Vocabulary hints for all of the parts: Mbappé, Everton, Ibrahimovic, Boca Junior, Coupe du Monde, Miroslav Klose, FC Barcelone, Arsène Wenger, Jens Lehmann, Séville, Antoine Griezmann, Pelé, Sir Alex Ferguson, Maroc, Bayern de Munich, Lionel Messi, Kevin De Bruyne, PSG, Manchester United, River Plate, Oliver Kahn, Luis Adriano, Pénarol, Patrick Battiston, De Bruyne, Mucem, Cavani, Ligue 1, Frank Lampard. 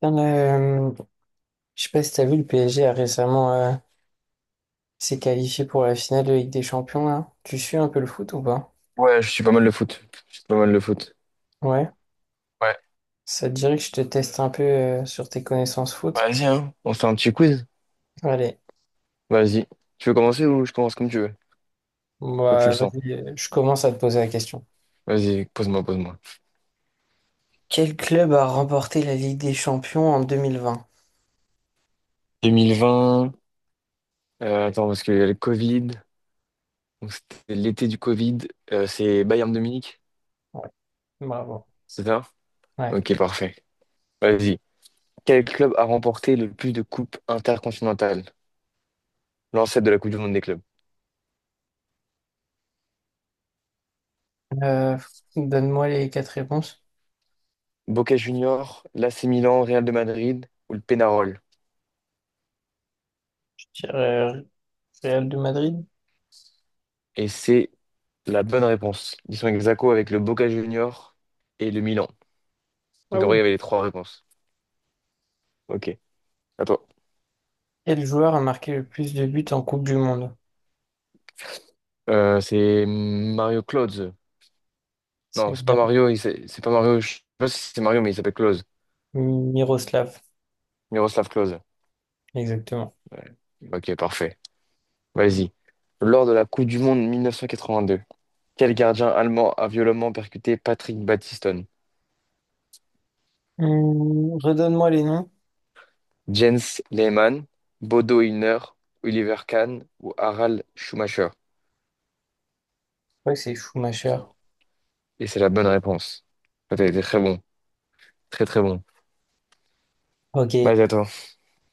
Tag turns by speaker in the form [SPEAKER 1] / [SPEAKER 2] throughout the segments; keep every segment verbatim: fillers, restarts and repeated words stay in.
[SPEAKER 1] Dans le- je sais pas si t'as vu, le P S G a récemment euh, s'est qualifié pour la finale de Ligue des Champions là. Tu suis un peu le foot ou pas?
[SPEAKER 2] Ouais, je suis pas mal le foot. Je suis pas mal le foot.
[SPEAKER 1] Ouais.
[SPEAKER 2] Ouais.
[SPEAKER 1] Ça te dirait que je te teste un peu euh, sur tes connaissances foot?
[SPEAKER 2] Vas-y, hein, on se fait un petit quiz.
[SPEAKER 1] Allez,
[SPEAKER 2] Vas-y. Tu veux commencer ou je commence, comme tu veux, comme tu le
[SPEAKER 1] bah
[SPEAKER 2] sens.
[SPEAKER 1] vas-y, euh, je commence à te poser la question.
[SPEAKER 2] Vas-y, pose-moi, pose-moi.
[SPEAKER 1] Quel club a remporté la Ligue des Champions en deux mille vingt?
[SPEAKER 2] deux mille vingt, euh, attends, parce qu'il y a le Covid. Donc c'était l'été du Covid. Euh, c'est Bayern de Munich,
[SPEAKER 1] Ouais, bravo.
[SPEAKER 2] c'est ça?
[SPEAKER 1] Ouais.
[SPEAKER 2] Ok, parfait. Vas-y. Quel club a remporté le plus de coupes intercontinentales? L'ancêtre de la Coupe du Monde des clubs.
[SPEAKER 1] Euh, donne-moi les quatre réponses.
[SPEAKER 2] Boca Juniors, l'A C Milan, Real de Madrid ou le Pénarol?
[SPEAKER 1] Je dirais, euh, Real de Madrid?
[SPEAKER 2] Et c'est La bonne réponse. Ils sont ex aequo avec le Boca Junior et le Milan.
[SPEAKER 1] Ah
[SPEAKER 2] Donc en vrai, il y
[SPEAKER 1] oui.
[SPEAKER 2] avait les trois réponses. Ok, à toi.
[SPEAKER 1] Quel joueur a marqué le plus de buts en Coupe du Monde?
[SPEAKER 2] Euh, c'est Mario Klose.
[SPEAKER 1] C'est
[SPEAKER 2] Non, c'est pas
[SPEAKER 1] Mir-
[SPEAKER 2] Mario, il s'est- c'est pas Mario. Je sais pas si c'est Mario, mais il s'appelle Klose.
[SPEAKER 1] Miroslav.
[SPEAKER 2] Miroslav Klose.
[SPEAKER 1] Exactement.
[SPEAKER 2] Ouais. Ok, parfait. Vas-y. Lors de la Coupe du Monde mille neuf cent quatre-vingt-deux, quel gardien allemand a violemment percuté Patrick Battiston?
[SPEAKER 1] Hum, redonne-moi les noms.
[SPEAKER 2] Jens Lehmann, Bodo Illner, Oliver Kahn ou Harald Schumacher?
[SPEAKER 1] Je crois que c'est Schumacher.
[SPEAKER 2] Et c'est la bonne réponse. Ouais, T'as été très bon. Très très bon.
[SPEAKER 1] Ok.
[SPEAKER 2] Vas-y, attends.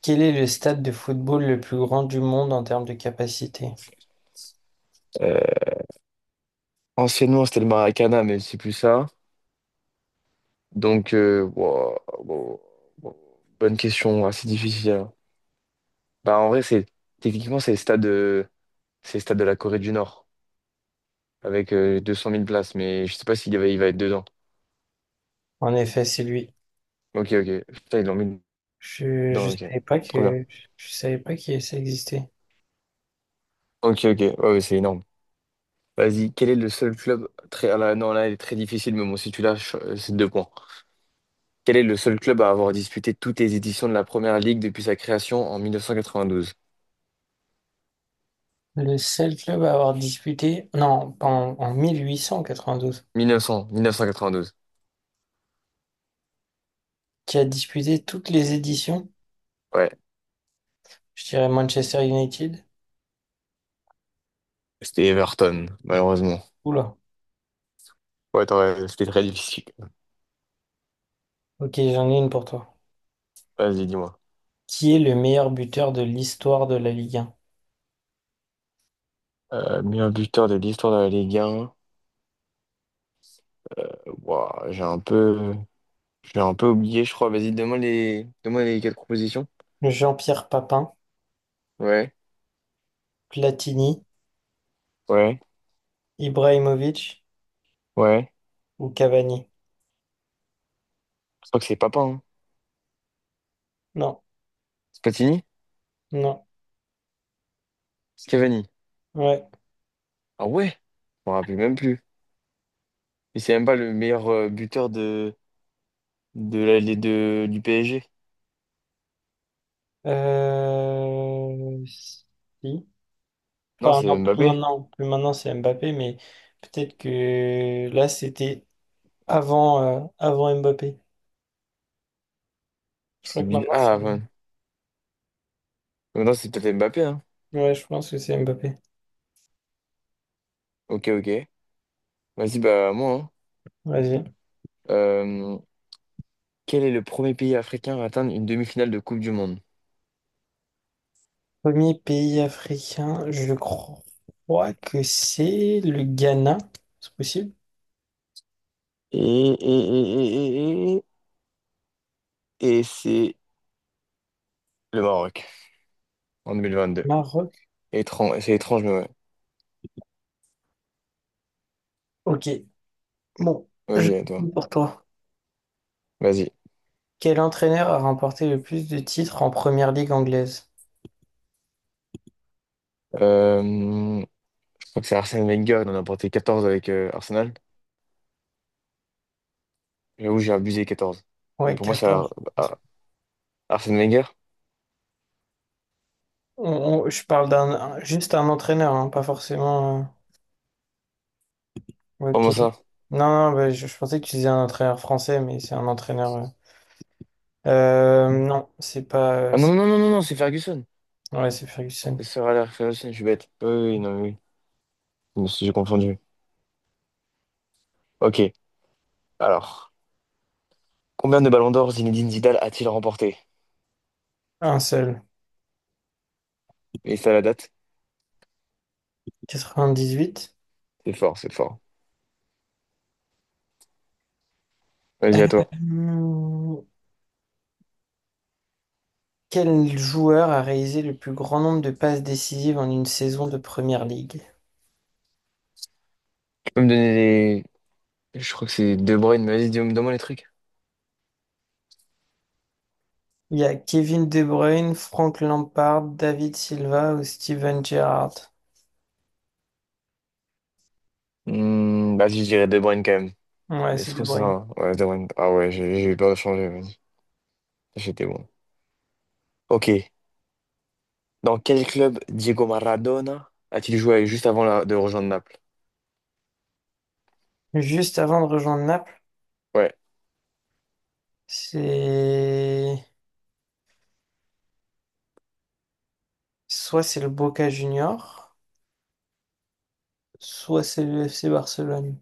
[SPEAKER 1] Quel est le stade de football le plus grand du monde en termes de capacité?
[SPEAKER 2] Euh, anciennement, c'était le Maracana, mais c'est plus ça. Donc, euh, wow, wow, wow. bonne question, assez difficile, hein. Bah, en vrai, c'est techniquement, c'est le stade, euh, c'est le stade de la Corée du Nord, avec euh, deux cent mille places, mais je sais pas s'il va, il va être dedans.
[SPEAKER 1] En effet, c'est lui.
[SPEAKER 2] Ok, ok. Putain, ils l'ont mis
[SPEAKER 1] Je, je
[SPEAKER 2] dedans, ok.
[SPEAKER 1] savais pas
[SPEAKER 2] Trop bien.
[SPEAKER 1] que je savais pas que ça existait.
[SPEAKER 2] Ok, ok. Ouais, ouais, c'est énorme. Vas-y, quel est le seul club très... ah là, non, là, il est très difficile, mais bon, si tu lâches, euh, c'est deux points. Quel est le seul club à avoir disputé toutes les éditions de la Première Ligue depuis sa création en mille neuf cent quatre-vingt-douze,
[SPEAKER 1] Le seul club à avoir disputé, non, en, en mille huit cent quatre-vingt-douze,
[SPEAKER 2] mille neuf cents, mille neuf cent quatre-vingt-douze?
[SPEAKER 1] qui a disputé toutes les éditions,
[SPEAKER 2] Ouais,
[SPEAKER 1] je dirais Manchester United.
[SPEAKER 2] c'était Everton, malheureusement.
[SPEAKER 1] Oula.
[SPEAKER 2] Ouais, t'aurais- c'était très difficile.
[SPEAKER 1] Ok, j'en ai une pour toi.
[SPEAKER 2] Vas-y, dis-moi.
[SPEAKER 1] Qui est le meilleur buteur de l'histoire de la Ligue un?
[SPEAKER 2] Euh, meilleur buteur de l'histoire de la Ligue un. Ouah, j'ai un peu, j'ai un peu oublié, je crois. Vas-y, donne-moi les, donne-moi les quatre propositions.
[SPEAKER 1] Jean-Pierre Papin,
[SPEAKER 2] Ouais,
[SPEAKER 1] Platini,
[SPEAKER 2] ouais,
[SPEAKER 1] Ibrahimovic
[SPEAKER 2] ouais.
[SPEAKER 1] ou Cavani?
[SPEAKER 2] Je crois que c'est Papin, hein.
[SPEAKER 1] Non,
[SPEAKER 2] Spatini?
[SPEAKER 1] non,
[SPEAKER 2] Cavani.
[SPEAKER 1] ouais.
[SPEAKER 2] Ah ouais? Je m'en rappelle même plus. Et c'est même pas le meilleur euh, buteur de, de la, les- de, du P S G.
[SPEAKER 1] Euh... Si.
[SPEAKER 2] Non,
[SPEAKER 1] Enfin,
[SPEAKER 2] c'est
[SPEAKER 1] non, plus
[SPEAKER 2] Mbappé.
[SPEAKER 1] maintenant, plus maintenant c'est Mbappé, mais peut-être que là c'était avant, euh, avant Mbappé. Je crois
[SPEAKER 2] C'est
[SPEAKER 1] que
[SPEAKER 2] bi-
[SPEAKER 1] maintenant
[SPEAKER 2] Ah,
[SPEAKER 1] c'est.
[SPEAKER 2] enfin. Non, c'est peut-être Mbappé, hein.
[SPEAKER 1] Ouais, je pense que c'est Mbappé.
[SPEAKER 2] Ok, ok. Vas-y, bah moi, hein.
[SPEAKER 1] Vas-y.
[SPEAKER 2] Euh, quel est le premier pays africain à atteindre une demi-finale de Coupe du Monde?
[SPEAKER 1] Premier pays africain, je crois que c'est le Ghana. C'est possible?
[SPEAKER 2] Et, et, et, et, et, et, et c'est le Maroc en deux mille vingt-deux.
[SPEAKER 1] Maroc.
[SPEAKER 2] Étrange, c'est étrange, mais ouais.
[SPEAKER 1] Ok, bon, je
[SPEAKER 2] Vas-y, à toi.
[SPEAKER 1] pour toi.
[SPEAKER 2] Vas-y.
[SPEAKER 1] Quel entraîneur a remporté le plus de titres en première ligue anglaise?
[SPEAKER 2] Euh, je crois que c'est Arsène Wenger, il en a porté quatorze avec euh, Arsenal. J'avoue, j'ai abusé, quatorze. Mais
[SPEAKER 1] Ouais,
[SPEAKER 2] pour moi, c'est Ar-
[SPEAKER 1] quatorze.
[SPEAKER 2] Ar- Arsène Wenger.
[SPEAKER 1] On- on- je parle d'un un- juste un entraîneur, hein, pas forcément. Euh, ok.
[SPEAKER 2] Comment ça?
[SPEAKER 1] Non, non, bah, je, je pensais que tu disais un entraîneur français, mais c'est un entraîneur. Euh. Euh, non, c'est pas. Euh,
[SPEAKER 2] Ah
[SPEAKER 1] c'est-
[SPEAKER 2] non, non, non, non, non, c'est Ferguson.
[SPEAKER 1] ouais, c'est Ferguson.
[SPEAKER 2] C'est Sir Alex Ferguson, je suis bête. Oui, oui, non, oui, oui. Je me suis j'ai confondu. Ok, alors. Combien de ballons d'or Zinedine Zidane a-t-il remporté?
[SPEAKER 1] Un seul.
[SPEAKER 2] Et ça, la date?
[SPEAKER 1] quatre-vingt-dix-huit.
[SPEAKER 2] C'est fort, c'est fort. Vas-y, à toi.
[SPEAKER 1] Hmm, quel joueur a réalisé le plus grand nombre de passes décisives en une saison de première ligue?
[SPEAKER 2] Tu peux me donner les... Je crois que c'est De Bruyne, mais vas-y, dis-moi, donne-moi les trucs.
[SPEAKER 1] Il y a Kevin De Bruyne, Frank Lampard, David Silva ou Steven Gerrard.
[SPEAKER 2] Hmm, vas-y, je dirais De Bruyne quand même.
[SPEAKER 1] Ouais,
[SPEAKER 2] Mais je
[SPEAKER 1] c'est De
[SPEAKER 2] trouve
[SPEAKER 1] Bruyne.
[SPEAKER 2] ça... Ouais, De Bruyne. Ah ouais, j'ai j'ai eu peur de changer, vas-y. J'étais bon. Ok. Dans quel club Diego Maradona a-t-il joué juste avant la- de rejoindre Naples?
[SPEAKER 1] Juste avant de rejoindre Naples,
[SPEAKER 2] Ouais.
[SPEAKER 1] c'est soit c'est le Boca Junior, soit c'est le F C Barcelone.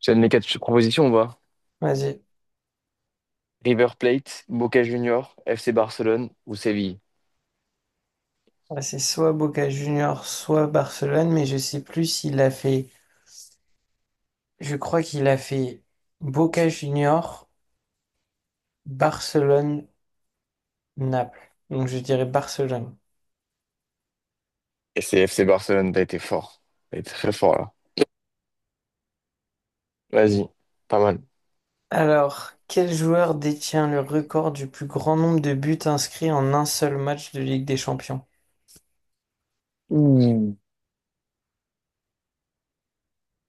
[SPEAKER 2] Tu as mes quatre propositions, on va.
[SPEAKER 1] Vas-y.
[SPEAKER 2] River Plate, Boca Juniors, F C Barcelone ou Séville?
[SPEAKER 1] Ouais, c'est soit Boca Junior, soit Barcelone, mais je sais plus s'il a fait. Je crois qu'il a fait Boca Junior, Barcelone, Naples. Donc je dirais Barcelone.
[SPEAKER 2] Et c'est F C Barcelone, t'as été fort. T'as été très fort, là. Vas-y. Pas mal.
[SPEAKER 1] Alors, quel joueur détient le record du plus grand nombre de buts inscrits en un seul match de Ligue des Champions?
[SPEAKER 2] Ouh.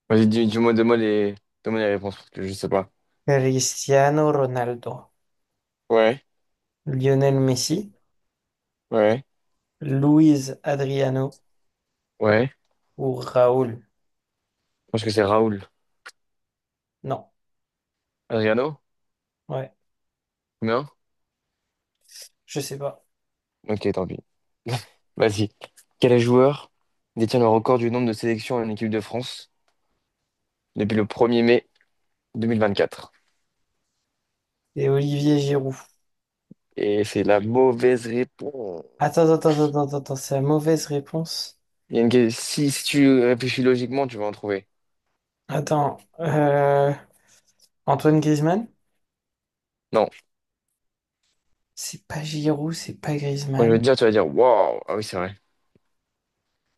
[SPEAKER 2] Vas-y, dis, dis-moi, donne-moi les... donne-moi les réponses, parce que je sais pas.
[SPEAKER 1] Cristiano Ronaldo,
[SPEAKER 2] Ouais,
[SPEAKER 1] Lionel Messi,
[SPEAKER 2] ouais.
[SPEAKER 1] Luis Adriano
[SPEAKER 2] Ouais,
[SPEAKER 1] ou Raoul?
[SPEAKER 2] je pense que c'est Raoul.
[SPEAKER 1] Non,
[SPEAKER 2] Adriano?
[SPEAKER 1] ouais,
[SPEAKER 2] Combien?
[SPEAKER 1] je sais pas.
[SPEAKER 2] Ok, tant pis. Vas-y. Quel joueur détient le record du nombre de sélections en équipe de France depuis le premier mai deux mille vingt-quatre?
[SPEAKER 1] Et Olivier Giroud.
[SPEAKER 2] Et c'est la mauvaise réponse.
[SPEAKER 1] Attends, attends, attends, attends, attends, c'est la mauvaise réponse.
[SPEAKER 2] Il y a une... que- Si, si tu réfléchis logiquement, tu vas en trouver.
[SPEAKER 1] Attends, euh, Antoine Griezmann?
[SPEAKER 2] Non.
[SPEAKER 1] C'est pas Giroud, c'est pas
[SPEAKER 2] Quand je vais
[SPEAKER 1] Griezmann.
[SPEAKER 2] te dire, tu vas dire, waouh, ah oui, c'est vrai.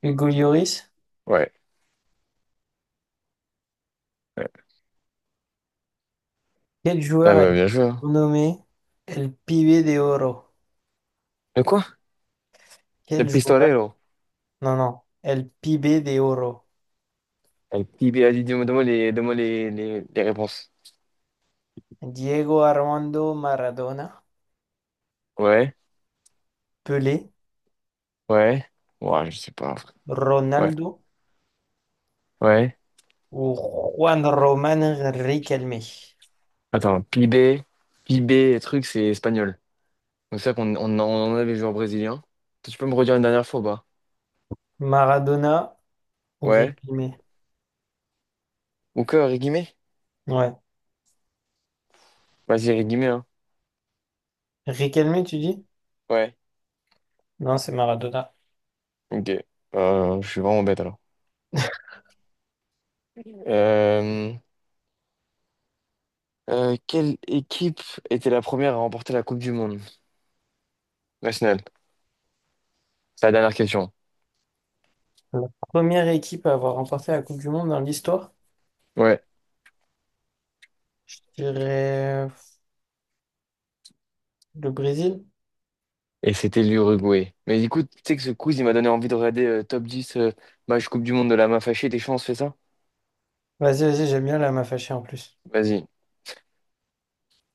[SPEAKER 1] Hugo Lloris?
[SPEAKER 2] Ouais. Ouais,
[SPEAKER 1] Quel
[SPEAKER 2] Ah
[SPEAKER 1] joueur a
[SPEAKER 2] bah,
[SPEAKER 1] été
[SPEAKER 2] bien joué, hein.
[SPEAKER 1] nommé El Pibe de Oro?
[SPEAKER 2] De quoi? Le
[SPEAKER 1] Quel
[SPEAKER 2] pistolet.
[SPEAKER 1] joueur? No, no, el pibe de oro.
[SPEAKER 2] Un petit bé- Vas-y, dis-moi, donne-moi les, donne-moi les, les, les réponses.
[SPEAKER 1] Diego Armando Maradona,
[SPEAKER 2] Ouais,
[SPEAKER 1] Pelé,
[SPEAKER 2] ouais. Ouais, je sais pas. Ouais,
[SPEAKER 1] Ronaldo
[SPEAKER 2] ouais.
[SPEAKER 1] ou Juan Román Riquelme.
[SPEAKER 2] Attends, PIB, P I B, truc, c'est espagnol. Donc c'est ça qu'on on, en on avait joué en brésilien. Tu peux me redire une dernière fois, ou pas?
[SPEAKER 1] Maradona ou
[SPEAKER 2] Ouais.
[SPEAKER 1] Riquelme.
[SPEAKER 2] Ou que, Rigimé?
[SPEAKER 1] Ouais.
[SPEAKER 2] Vas-y, Rigimé, hein.
[SPEAKER 1] Riquelme, tu dis?
[SPEAKER 2] Ouais.
[SPEAKER 1] Non, c'est Maradona.
[SPEAKER 2] Ok. Euh, je suis vraiment bête alors. Euh, euh, quelle équipe était la première à remporter la Coupe du Monde nationale? C'est la dernière question.
[SPEAKER 1] La première équipe à avoir remporté la Coupe du Monde dans l'histoire,
[SPEAKER 2] Ouais.
[SPEAKER 1] je dirais euh, le Brésil.
[SPEAKER 2] Et c'était l'Uruguay. Mais écoute, tu sais que ce quiz, il m'a donné envie de regarder euh, top dix, euh, match Coupe du Monde de la main fâchée. T'es chaud, on se fait ça?
[SPEAKER 1] Vas-y, vas-y, j'aime bien, là, elle m'a fâché en plus.
[SPEAKER 2] Vas-y.